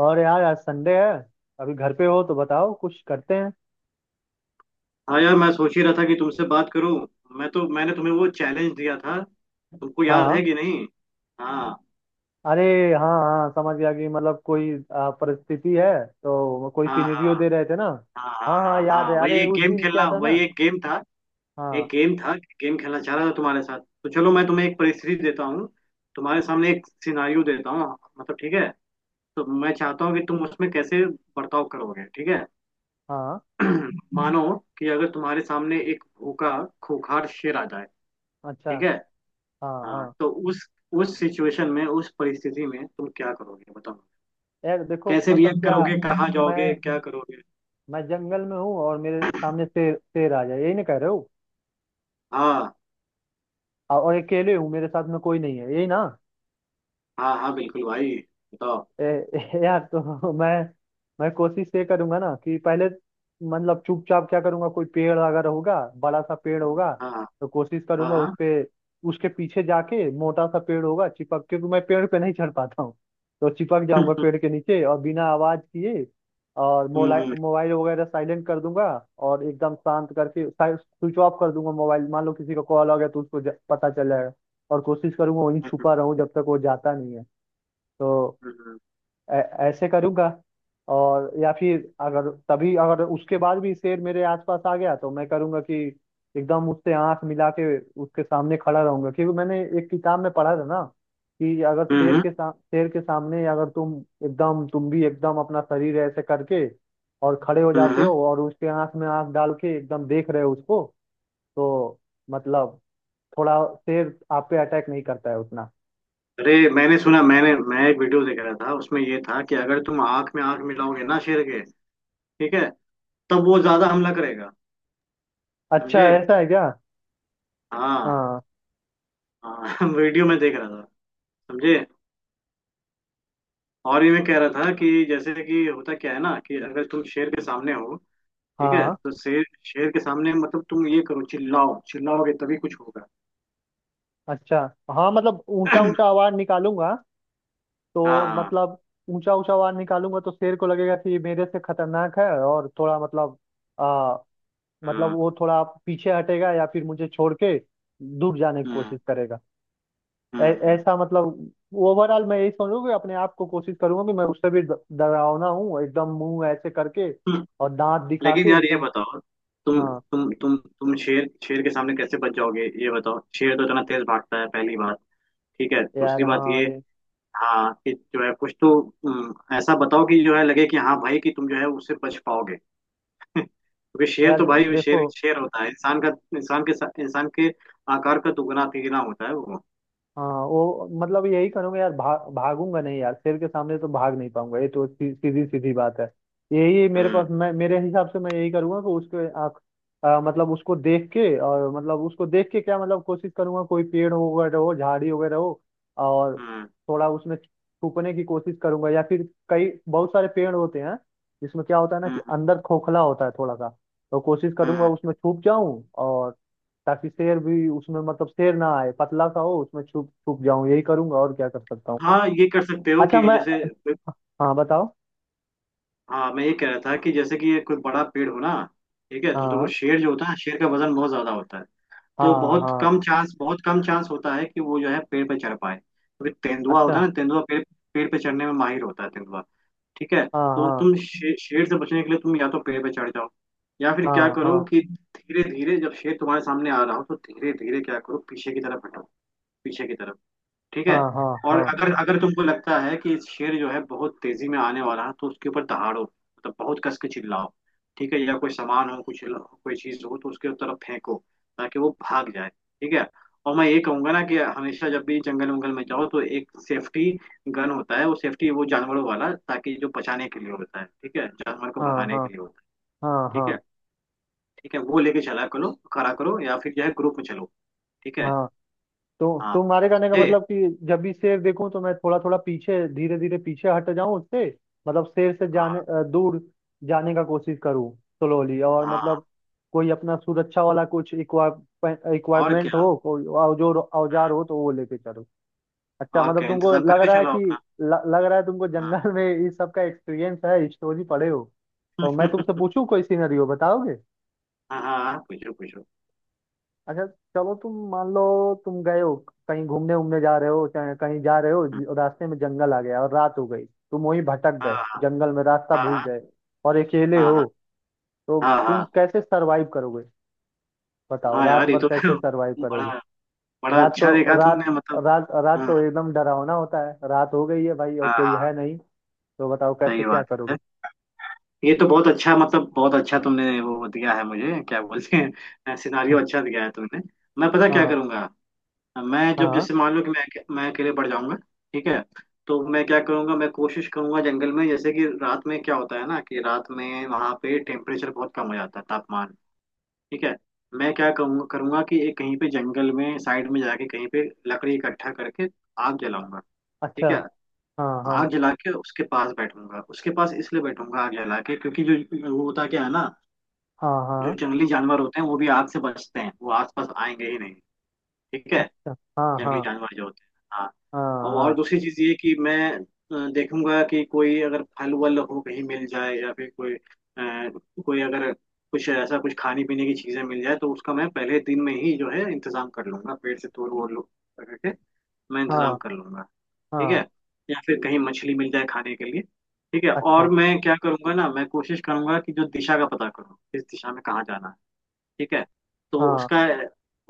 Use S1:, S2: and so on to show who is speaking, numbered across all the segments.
S1: और यार आज संडे है। अभी घर पे हो तो बताओ कुछ करते हैं।
S2: हाँ यार, मैं सोच ही रहा था कि तुमसे बात करूं। मैंने तुम्हें वो चैलेंज दिया था। तुमको याद
S1: हाँ।
S2: है कि नहीं? हाँ,
S1: अरे, हाँ हाँ, समझ गया कि मतलब कोई परिस्थिति है तो कोई
S2: हाँ,
S1: सिनेरियो
S2: हाँ,
S1: दे रहे थे ना।
S2: हाँ, हाँ,
S1: हाँ हाँ,
S2: हाँ,
S1: याद
S2: हाँ,
S1: है।
S2: वही
S1: अरे,
S2: एक
S1: उस
S2: गेम
S1: दिन क्या
S2: खेलना,
S1: था
S2: वही
S1: ना।
S2: एक गेम था। एक
S1: हाँ।
S2: गेम था। गेम खेलना चाह रहा था तुम्हारे साथ, तो चलो मैं तुम्हें एक परिस्थिति देता हूँ। तुम्हारे सामने एक सिनारियो देता हूँ। मतलब, ठीक है। तो मैं चाहता हूँ कि तुम उसमें कैसे बर्ताव करोगे, ठीक है।
S1: हाँ।
S2: मानो कि अगर तुम्हारे सामने एक भूखा खूंखार शेर आ जाए,
S1: अच्छा।
S2: ठीक है।
S1: हाँ
S2: हाँ,
S1: हाँ।
S2: तो उस सिचुएशन में, उस परिस्थिति में तुम क्या करोगे बताओ।
S1: यार देखो,
S2: कैसे
S1: मतलब
S2: रिएक्ट
S1: क्या,
S2: करोगे, कहाँ
S1: मैं
S2: जाओगे, क्या करोगे?
S1: मैं जंगल में हूँ और मेरे सामने शेर शेर आ जाए, यही ना कह रहे हो।
S2: हाँ,
S1: और अकेले हूँ, मेरे साथ में कोई नहीं है, यही ना।
S2: हाँ, हाँ, बिल्कुल भाई। बताओ।
S1: यार तो मैं कोशिश ये करूंगा ना कि पहले, मतलब चुपचाप क्या करूंगा, कोई पेड़ अगर होगा, बड़ा सा पेड़ होगा,
S2: हाँ, हाँ,
S1: तो कोशिश
S2: हाँ,
S1: करूंगा उस
S2: हाँ।
S1: पे, उसके पीछे जाके। मोटा सा पेड़ होगा, चिपक, क्योंकि मैं पेड़ पे नहीं चढ़ पाता हूँ, तो चिपक जाऊंगा पेड़ के नीचे और बिना आवाज किए। और मोबाइल
S2: हम्म,
S1: मोबाइल वगैरह साइलेंट कर दूंगा और एकदम शांत करके स्विच ऑफ कर दूंगा मोबाइल। मान लो किसी का कॉल आ गया तो उसको पता चल जाएगा। और कोशिश करूंगा वहीं
S2: हम्म,
S1: छुपा रहूं जब तक वो जाता नहीं है। तो
S2: हम्म,
S1: ऐ- ऐसे करूंगा। और या फिर अगर तभी, अगर उसके बाद भी शेर मेरे आसपास आ गया, तो मैं करूंगा कि एकदम उससे आंख मिला के उसके सामने खड़ा रहूंगा, क्योंकि मैंने एक किताब में पढ़ा था ना कि अगर
S2: हम्म, हम्म।
S1: शेर के सामने अगर तुम एकदम, तुम भी एकदम अपना शरीर ऐसे करके और खड़े हो
S2: हम्म, हम्म,
S1: जाते
S2: हम्म।
S1: हो और उसके आंख में आंख डाल के एकदम देख रहे हो उसको, तो मतलब थोड़ा शेर आप पे अटैक नहीं करता है उतना।
S2: अरे, मैंने सुना, मैं एक वीडियो देख रहा था। उसमें ये था कि अगर तुम आंख में आंख मिलाओगे ना शेर के, ठीक है, तब वो ज्यादा हमला करेगा।
S1: अच्छा,
S2: समझे?
S1: ऐसा है क्या।
S2: हाँ,
S1: हाँ
S2: हाँ वीडियो में देख रहा था, समझे। और ये मैं कह रहा था कि जैसे कि होता क्या है ना कि अगर तुम शेर के सामने हो, ठीक है,
S1: हाँ।
S2: तो शेर शेर के सामने मतलब तुम ये करो, चिल्लाओ, चिल्लाओगे तभी कुछ होगा।
S1: अच्छा, हाँ मतलब ऊंचा ऊंचा आवाज निकालूंगा। तो
S2: हाँ,
S1: मतलब ऊंचा ऊंचा आवाज निकालूंगा तो शेर को लगेगा कि ये मेरे से खतरनाक है और थोड़ा मतलब आ, मतलब
S2: हाँ,
S1: वो थोड़ा पीछे हटेगा या फिर मुझे छोड़ के दूर जाने की
S2: हम्म,
S1: कोशिश करेगा।
S2: हम्म,
S1: ऐसा मतलब, ओवरऑल मैं यही समझूंगा कि अपने आप को कोशिश करूंगा कि मैं उससे भी डरावना हूँ, एकदम मुंह ऐसे करके
S2: हम्म।
S1: और दांत दिखा
S2: लेकिन
S1: के
S2: यार ये
S1: एकदम।
S2: बताओ, तुम
S1: हाँ।
S2: तुम शेर शेर के सामने कैसे बच जाओगे, ये बताओ? शेर तो इतना तेज भागता है, पहली बात। ठीक है, दूसरी
S1: यार,
S2: बात
S1: हाँ
S2: ये,
S1: ये।
S2: हाँ, कि जो है, कुछ तो, ऐसा बताओ कि जो है लगे कि हाँ भाई कि तुम जो है उससे बच पाओगे क्योंकि शेर
S1: यार
S2: तो भाई,
S1: देखो।
S2: शेर शेर होता है। इंसान का, इंसान के आकार का दुगना तिगुना होता है वो।
S1: हाँ वो मतलब यही करूंगा यार, भागूंगा नहीं यार, शेर के सामने तो भाग नहीं पाऊंगा, ये तो सीधी सीधी बात है। यही मेरे पास,
S2: हम्म,
S1: मैं मेरे हिसाब से मैं यही करूंगा कि उसके आँख, मतलब उसको देख के, और मतलब उसको देख के क्या, मतलब कोशिश करूंगा कोई पेड़ वगैरह हो, झाड़ी वगैरह हो और
S2: हम्म,
S1: थोड़ा उसमें छुपने की कोशिश करूंगा। या फिर कई बहुत सारे पेड़ होते हैं जिसमें क्या होता है ना कि
S2: हम्म।
S1: अंदर खोखला होता है थोड़ा सा, तो कोशिश करूंगा
S2: हाँ,
S1: उसमें छुप जाऊं, और ताकि शेर भी उसमें, मतलब शेर ना आए, पतला सा हो, उसमें छुप छुप जाऊं, यही करूंगा। और क्या कर सकता हूँ।
S2: हाँ, ये कर सकते हो
S1: अच्छा,
S2: कि
S1: मैं,
S2: जैसे,
S1: हाँ बताओ।
S2: हाँ, मैं ये कह रहा था कि जैसे कि ये कोई बड़ा पेड़ हो ना, ठीक है, तो देखो
S1: हाँ
S2: शेर जो होता है, शेर का वजन बहुत ज्यादा होता है। तो
S1: हाँ
S2: बहुत
S1: हाँ।
S2: कम चांस, बहुत कम चांस होता है कि वो जो है पेड़ पे चढ़ पाए, क्योंकि तेंदुआ होता
S1: अच्छा।
S2: है ना, तेंदुआ पेड़ पेड़ पे चढ़ने में माहिर होता है, तेंदुआ। ठीक है,
S1: हाँ
S2: तो
S1: हाँ
S2: तुम शेर से बचने के लिए तुम या तो पेड़ पे चढ़ जाओ, या फिर क्या
S1: हाँ
S2: करो
S1: हाँ।
S2: कि धीरे धीरे जब शेर तुम्हारे सामने आ रहा हो तो धीरे धीरे क्या करो, पीछे की तरफ हटो। पीछे की तरफ, ठीक है।
S1: हाँ हाँ
S2: और
S1: हाँ
S2: अगर अगर तुमको लगता है कि शेर जो है बहुत तेजी में आने वाला है, तो उसके ऊपर दहाड़ो, मतलब बहुत कस के चिल्लाओ। ठीक है, या कोई सामान हो, कुछ कोई चीज हो, तो उसके तरफ फेंको ताकि वो भाग जाए, ठीक है। और मैं ये कहूंगा ना कि हमेशा जब भी जंगल वंगल में जाओ तो एक सेफ्टी गन होता है, वो सेफ्टी, वो जानवरों वाला, ताकि जो बचाने के लिए होता है, ठीक है, जानवर को
S1: हाँ।
S2: भगाने
S1: हाँ
S2: के लिए होता
S1: हाँ
S2: है। ठीक
S1: हाँ
S2: है, ठीक है, वो लेके चला करो, खड़ा करो, या फिर जो है ग्रुप में चलो। ठीक है।
S1: हाँ। तो
S2: हाँ,
S1: तुम्हारे कहने का
S2: ये,
S1: मतलब कि जब भी शेर देखूं तो मैं थोड़ा थोड़ा पीछे, धीरे धीरे पीछे हट जाऊं उससे। मतलब शेर से जाने,
S2: हाँ,
S1: दूर जाने का कोशिश करूं स्लोली, और
S2: हाँ।
S1: मतलब कोई अपना सुरक्षा वाला कुछ
S2: और
S1: इक्वाइपमेंट
S2: क्या,
S1: हो, कोई औजोर औजार हो तो वो लेके चलो। अच्छा,
S2: और
S1: मतलब
S2: क्या
S1: तुमको
S2: इंतजाम
S1: लग
S2: करके
S1: रहा है
S2: चलो
S1: कि,
S2: अपना?
S1: ल, लग रहा है तुमको
S2: हाँ
S1: जंगल में इस सब का एक्सपीरियंस है, स्टोरी पढ़े हो, तो मैं तुमसे पूछूं कोई सिनेरियो बताओगे।
S2: हाँ, हाँ, हाँ, पूछो पूछो।
S1: अच्छा, चलो तुम मान लो, तुम गए हो कहीं घूमने उमने जा रहे हो, चाहे कहीं जा रहे हो,
S2: हाँ,
S1: रास्ते में जंगल आ गया और रात हो गई, तुम वहीं भटक
S2: हाँ,
S1: गए, जंगल में रास्ता भूल
S2: हाँ,
S1: गए और अकेले
S2: हाँ, हाँ,
S1: हो,
S2: हाँ,
S1: तो
S2: हाँ, हाँ,
S1: तुम
S2: हाँ।
S1: कैसे सरवाइव करोगे। बताओ,
S2: हाँ
S1: रात
S2: यार ये
S1: भर
S2: तो
S1: कैसे सरवाइव करोगे।
S2: बड़ा, बड़ा
S1: रात
S2: अच्छा
S1: तो
S2: देखा
S1: रात
S2: तुमने, मतलब।
S1: रात
S2: हाँ,
S1: तो एकदम डरावना होता है, रात हो गई है भाई और
S2: हाँ,
S1: कोई
S2: हाँ,
S1: है नहीं। तो बताओ कैसे,
S2: सही
S1: क्या
S2: बात
S1: करोगे।
S2: है। ये तो बहुत अच्छा, मतलब बहुत अच्छा तुमने वो दिया है मुझे, क्या बोलते हैं, सिनारियो अच्छा दिया है तुमने। मैं, पता क्या
S1: हाँ
S2: करूंगा? मैं जब,
S1: हाँ
S2: जैसे मान लो कि मैं अकेले पड़ जाऊंगा, ठीक है, तो मैं क्या करूंगा, मैं कोशिश करूंगा जंगल में, जैसे कि रात में क्या होता है ना कि रात में वहां पे टेम्परेचर बहुत कम हो जाता है, तापमान, ठीक है। मैं क्या कहूंगा, करूंगा कि एक कहीं पे जंगल में साइड में जाके कहीं पे लकड़ी इकट्ठा करके आग जलाऊंगा।
S1: अच्छा
S2: ठीक है,
S1: हाँ हाँ
S2: आग जला के उसके पास बैठूंगा, उसके पास इसलिए बैठूंगा आग जला के क्योंकि जो वो होता क्या है ना,
S1: हाँ
S2: जो
S1: हाँ
S2: जंगली जानवर होते हैं वो भी आग से बचते हैं, वो आसपास आएंगे ही नहीं, ठीक है,
S1: अच्छा हाँ
S2: जंगली
S1: हाँ
S2: जानवर जो होते हैं, हाँ।
S1: हाँ
S2: और
S1: हाँ
S2: दूसरी चीज ये कि मैं देखूंगा कि कोई अगर फल वल हो कहीं मिल जाए, या फिर कोई कोई अगर कुछ ऐसा, कुछ खाने पीने की चीजें मिल जाए, तो उसका मैं पहले दिन में ही जो है इंतजाम कर लूंगा, पेड़ से तोड़ वोड़ लो करके मैं इंतजाम
S1: हाँ
S2: कर लूंगा। ठीक है,
S1: हाँ।
S2: या फिर कहीं मछली मिल जाए खाने के लिए। ठीक है,
S1: अच्छा।
S2: और मैं क्या करूंगा ना, मैं कोशिश करूंगा कि जो दिशा का पता करूँ, किस दिशा में कहाँ जाना है, ठीक है। तो
S1: हाँ
S2: उसका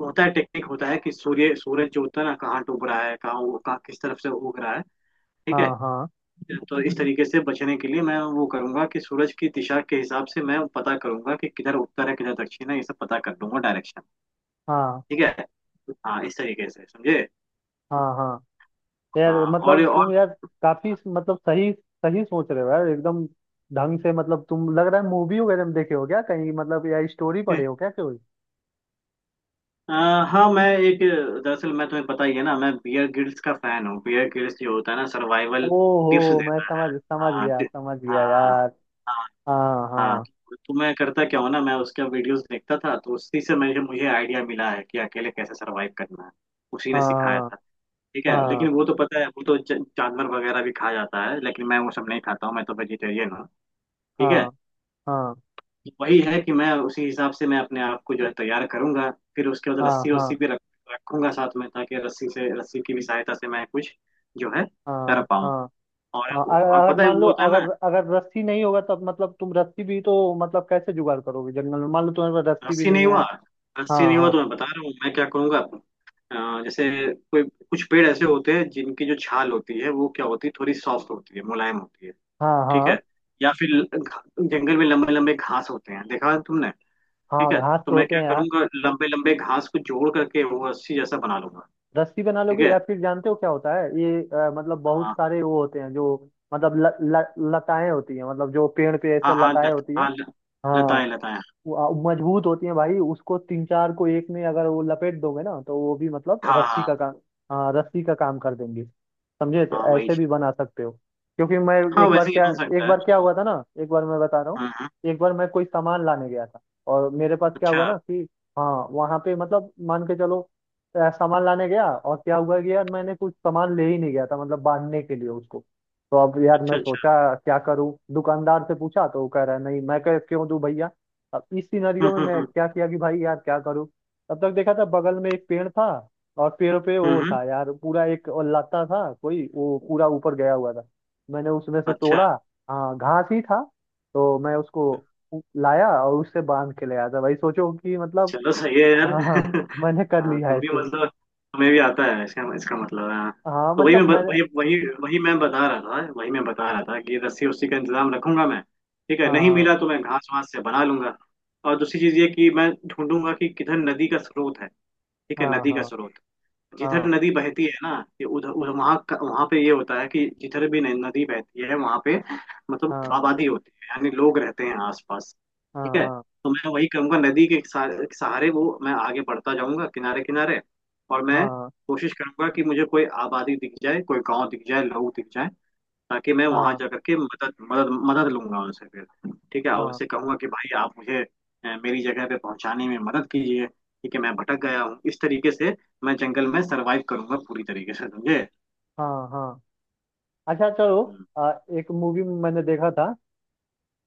S2: होता है, टेक्निक होता है कि सूर्य सूरज जो होता है ना, कहाँ डूब रहा है, कहाँ कहाँ, किस तरफ से उग रहा है, ठीक है।
S1: हाँ हाँ
S2: तो इस तरीके से बचने के लिए मैं वो करूंगा कि सूरज की दिशा के हिसाब से मैं पता करूंगा कि किधर उत्तर है, किधर दक्षिण है, ये सब पता कर लूंगा, डायरेक्शन,
S1: हाँ
S2: ठीक है। हाँ, इस तरीके से, समझे?
S1: हाँ हाँ। यार,
S2: हाँ,
S1: मतलब तुम यार काफी, मतलब सही, सही सोच रहे हो यार, एकदम ढंग से। मतलब तुम, लग रहा है मूवी वगैरह में देखे हो क्या कहीं, मतलब या स्टोरी पढ़े हो क्या कोई।
S2: हाँ, मैं एक दरअसल, मैं, तुम्हें पता ही है ना, मैं बियर ग्रिल्स का फैन हूँ। बियर ग्रिल्स जो होता है ना, सर्वाइवल टिप्स
S1: ओहो, मैं
S2: देता है।
S1: समझ,
S2: हाँ,
S1: समझ गया
S2: हाँ,
S1: यार।
S2: हाँ,
S1: हाँ
S2: हाँ।
S1: हाँ
S2: तो मैं करता क्या हूँ ना, मैं उसका वीडियोस देखता था, तो उसी से मुझे, आइडिया मिला है कि अकेले कैसे सरवाइव करना है। उसी ने सिखाया
S1: हाँ
S2: था, ठीक है।
S1: हाँ
S2: लेकिन वो तो पता है, वो तो जानवर वगैरह भी खा जाता है, लेकिन मैं वो सब नहीं खाता हूँ, मैं तो वेजिटेरियन हूँ, ठीक है।
S1: हाँ हाँ
S2: वही है कि मैं उसी हिसाब से मैं अपने आप को जो है तैयार करूंगा। फिर उसके बाद
S1: हाँ
S2: रस्सी
S1: हाँ
S2: वस्सी भी रख रखूंगा साथ में, ताकि रस्सी से, रस्सी की भी सहायता से मैं कुछ जो है कर
S1: हाँ
S2: पाऊँ।
S1: हाँ
S2: और
S1: हाँ। अगर
S2: और
S1: अगर
S2: पता है
S1: मान
S2: वो
S1: लो,
S2: होता है ना।
S1: अगर अगर रस्सी नहीं होगा, तब मतलब तुम रस्सी भी तो मतलब कैसे जुगाड़ करोगे जंगल में, मान लो तुम्हारे पास रस्सी भी
S2: रस्सी
S1: नहीं
S2: नहीं
S1: है।
S2: हुआ,
S1: हाँ
S2: रस्सी नहीं हुआ
S1: हाँ
S2: तो मैं बता रहा हूँ मैं क्या करूंगा। जैसे कोई कुछ पेड़ ऐसे होते हैं जिनकी जो छाल होती है वो क्या होती है, थोड़ी सॉफ्ट होती है, मुलायम होती है,
S1: हाँ
S2: ठीक है।
S1: हाँ।
S2: या फिर जंगल में लंबे लंबे घास होते हैं, देखा है तुमने? ठीक
S1: हाँ
S2: है,
S1: घास
S2: तो
S1: तो
S2: मैं
S1: होते
S2: क्या
S1: हैं यार।
S2: करूंगा, लंबे लंबे घास को जोड़ करके वो रस्सी जैसा बना लूंगा।
S1: रस्सी बना
S2: ठीक
S1: लोगे,
S2: है।
S1: या फिर जानते हो क्या होता है ये, मतलब बहुत
S2: हाँ,
S1: सारे वो होते हैं जो, मतलब ल, ल, लताएं होती हैं, मतलब जो पेड़ पे ऐसे
S2: हाँ, हाँ,
S1: लताएं
S2: लत,
S1: होती हैं।
S2: हाँ,
S1: हाँ।
S2: लताएं, लताएं।
S1: वो, मजबूत होती है भाई, उसको तीन चार को एक में अगर वो लपेट दोगे ना तो वो भी मतलब
S2: हाँ,
S1: रस्सी
S2: हाँ,
S1: का काम, हाँ, रस्सी का काम कर देंगी। समझे, तो
S2: हाँ, वही
S1: ऐसे
S2: चीज,
S1: भी बना सकते हो। क्योंकि मैं,
S2: हाँ,
S1: एक बार
S2: वैसे ही
S1: क्या
S2: बन
S1: एक
S2: सकता है।
S1: बार क्या हुआ था ना, एक बार मैं बता रहा हूँ।
S2: हम्म,
S1: एक बार मैं कोई सामान लाने गया था, और मेरे पास क्या
S2: अच्छा,
S1: हुआ ना कि, हाँ वहाँ पे मतलब मान के चलो, सामान लाने गया और क्या हुआ कि यार मैंने कुछ सामान ले ही नहीं गया था, मतलब बांधने के लिए उसको। तो अब यार मैं
S2: अच्छा, अच्छा।
S1: सोचा क्या करूं, दुकानदार से पूछा तो वो कह रहा है, नहीं मैं कह क्यों दूं भैया। अब इस सिनेरियो
S2: हम्म,
S1: में मैं
S2: हम्म,
S1: क्या किया कि भाई यार क्या करूं। तब तक देखा था बगल में एक पेड़ था, और पेड़ पे
S2: हम्म,
S1: वो
S2: हम्म।
S1: था यार पूरा, एक और लता था कोई, वो पूरा ऊपर गया हुआ था। मैंने उसमें से
S2: अच्छा
S1: तोड़ा। हाँ घास ही था। तो मैं उसको, लाया और उससे बांध के ले आया था भाई। सोचो कि मतलब,
S2: चलो, सही है यार
S1: हाँ हाँ, मैंने कर
S2: हाँ,
S1: लिया
S2: तुम भी
S1: ऐसे।
S2: मतलब, तुम्हें भी आता है, इसका इसका मतलब है, हाँ।
S1: हाँ
S2: तो वही
S1: मतलब
S2: मैं ब-
S1: मैंने,
S2: वही वही वही मैं बता रहा था वही मैं बता रहा था कि रस्सी उस्सी का इंतजाम रखूंगा मैं, ठीक है, नहीं
S1: हाँ
S2: मिला तो मैं घास वास से बना लूंगा। और दूसरी चीज ये कि मैं ढूंढूंगा कि किधर नदी का स्रोत है, ठीक है,
S1: हाँ
S2: नदी का
S1: हाँ
S2: स्रोत, जिधर
S1: हाँ
S2: नदी बहती है ना, ये उधर उधर वहाँ पे ये होता है कि जिधर भी नदी बहती है वहाँ पे मतलब
S1: हाँ
S2: आबादी होती है, यानी लोग रहते हैं आसपास, ठीक है।
S1: हाँ
S2: तो मैं वही करूंगा, नदी के सहारे सहारे वो मैं आगे बढ़ता जाऊंगा, किनारे किनारे। और
S1: हाँ
S2: मैं
S1: हाँ
S2: कोशिश करूंगा कि मुझे कोई आबादी दिख जाए, कोई गांव दिख जाए, लोग दिख जाए, ताकि मैं वहां
S1: हाँ
S2: जा करके मदद मदद मदद लूंगा उनसे फिर, ठीक है। और
S1: हाँ
S2: उनसे कहूंगा कि भाई आप मुझे मेरी जगह पे पहुंचाने में मदद कीजिए, ठीक है, मैं भटक गया हूँ। इस तरीके से मैं जंगल में सरवाइव करूंगा, पूरी तरीके से, समझे?
S1: हाँ हाँ हाँ। अच्छा, चलो।
S2: हम्म,
S1: आ, एक मूवी मैंने देखा था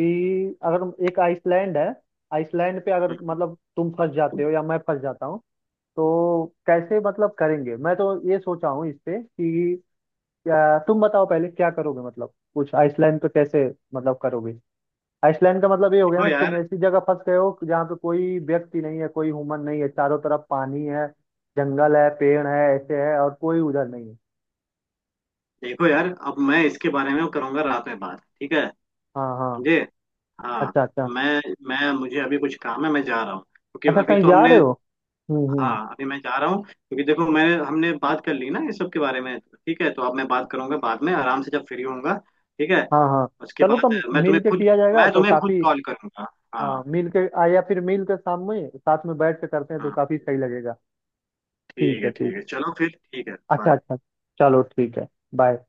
S1: कि अगर एक आइसलैंड है, आइसलैंड पे अगर
S2: हम्म, हम्म।
S1: मतलब तुम फंस जाते हो या मैं फंस जाता हूँ, तो कैसे मतलब करेंगे। मैं तो ये सोचा हूँ इस पे कि क्या, तुम बताओ पहले क्या करोगे, मतलब कुछ आइसलैंड पे कैसे मतलब करोगे। आइसलैंड का मतलब ये हो गया
S2: देखो
S1: ना, तुम
S2: यार,
S1: ऐसी जगह फंस गए हो जहाँ पे कोई व्यक्ति नहीं है, कोई ह्यूमन नहीं है, चारों तरफ पानी है, जंगल है, पेड़ है, ऐसे है और कोई उधर नहीं है।
S2: देखो यार, अब मैं इसके बारे में करूंगा रात में बात, ठीक है,
S1: हाँ हाँ।
S2: समझे? हाँ,
S1: अच्छा अच्छा।
S2: मैं मैं मुझे अभी कुछ काम है, मैं जा रहा हूँ, क्योंकि
S1: अच्छा,
S2: अभी
S1: कहीं
S2: तो
S1: जा रहे
S2: हमने,
S1: हो। हम्म।
S2: हाँ, अभी मैं जा रहा हूँ, क्योंकि देखो, मैंने हमने बात कर ली ना ये सब के बारे में, ठीक है, तो अब मैं बात करूंगा बाद में आराम से जब फ्री होऊंगा, ठीक है।
S1: हाँ हाँ।
S2: उसके
S1: चलो, तो
S2: बाद मैं
S1: मिल के किया जाएगा तो
S2: तुम्हें खुद
S1: काफी,
S2: कॉल करूंगा।
S1: हाँ
S2: हाँ,
S1: मिल के, या फिर मिल के शाम में साथ में बैठ के करते हैं तो
S2: हाँ,
S1: काफी सही लगेगा।
S2: ठीक
S1: ठीक है,
S2: है, ठीक
S1: ठीक।
S2: है, चलो फिर, ठीक है,
S1: अच्छा
S2: बाय।
S1: अच्छा। चलो ठीक है। बाय।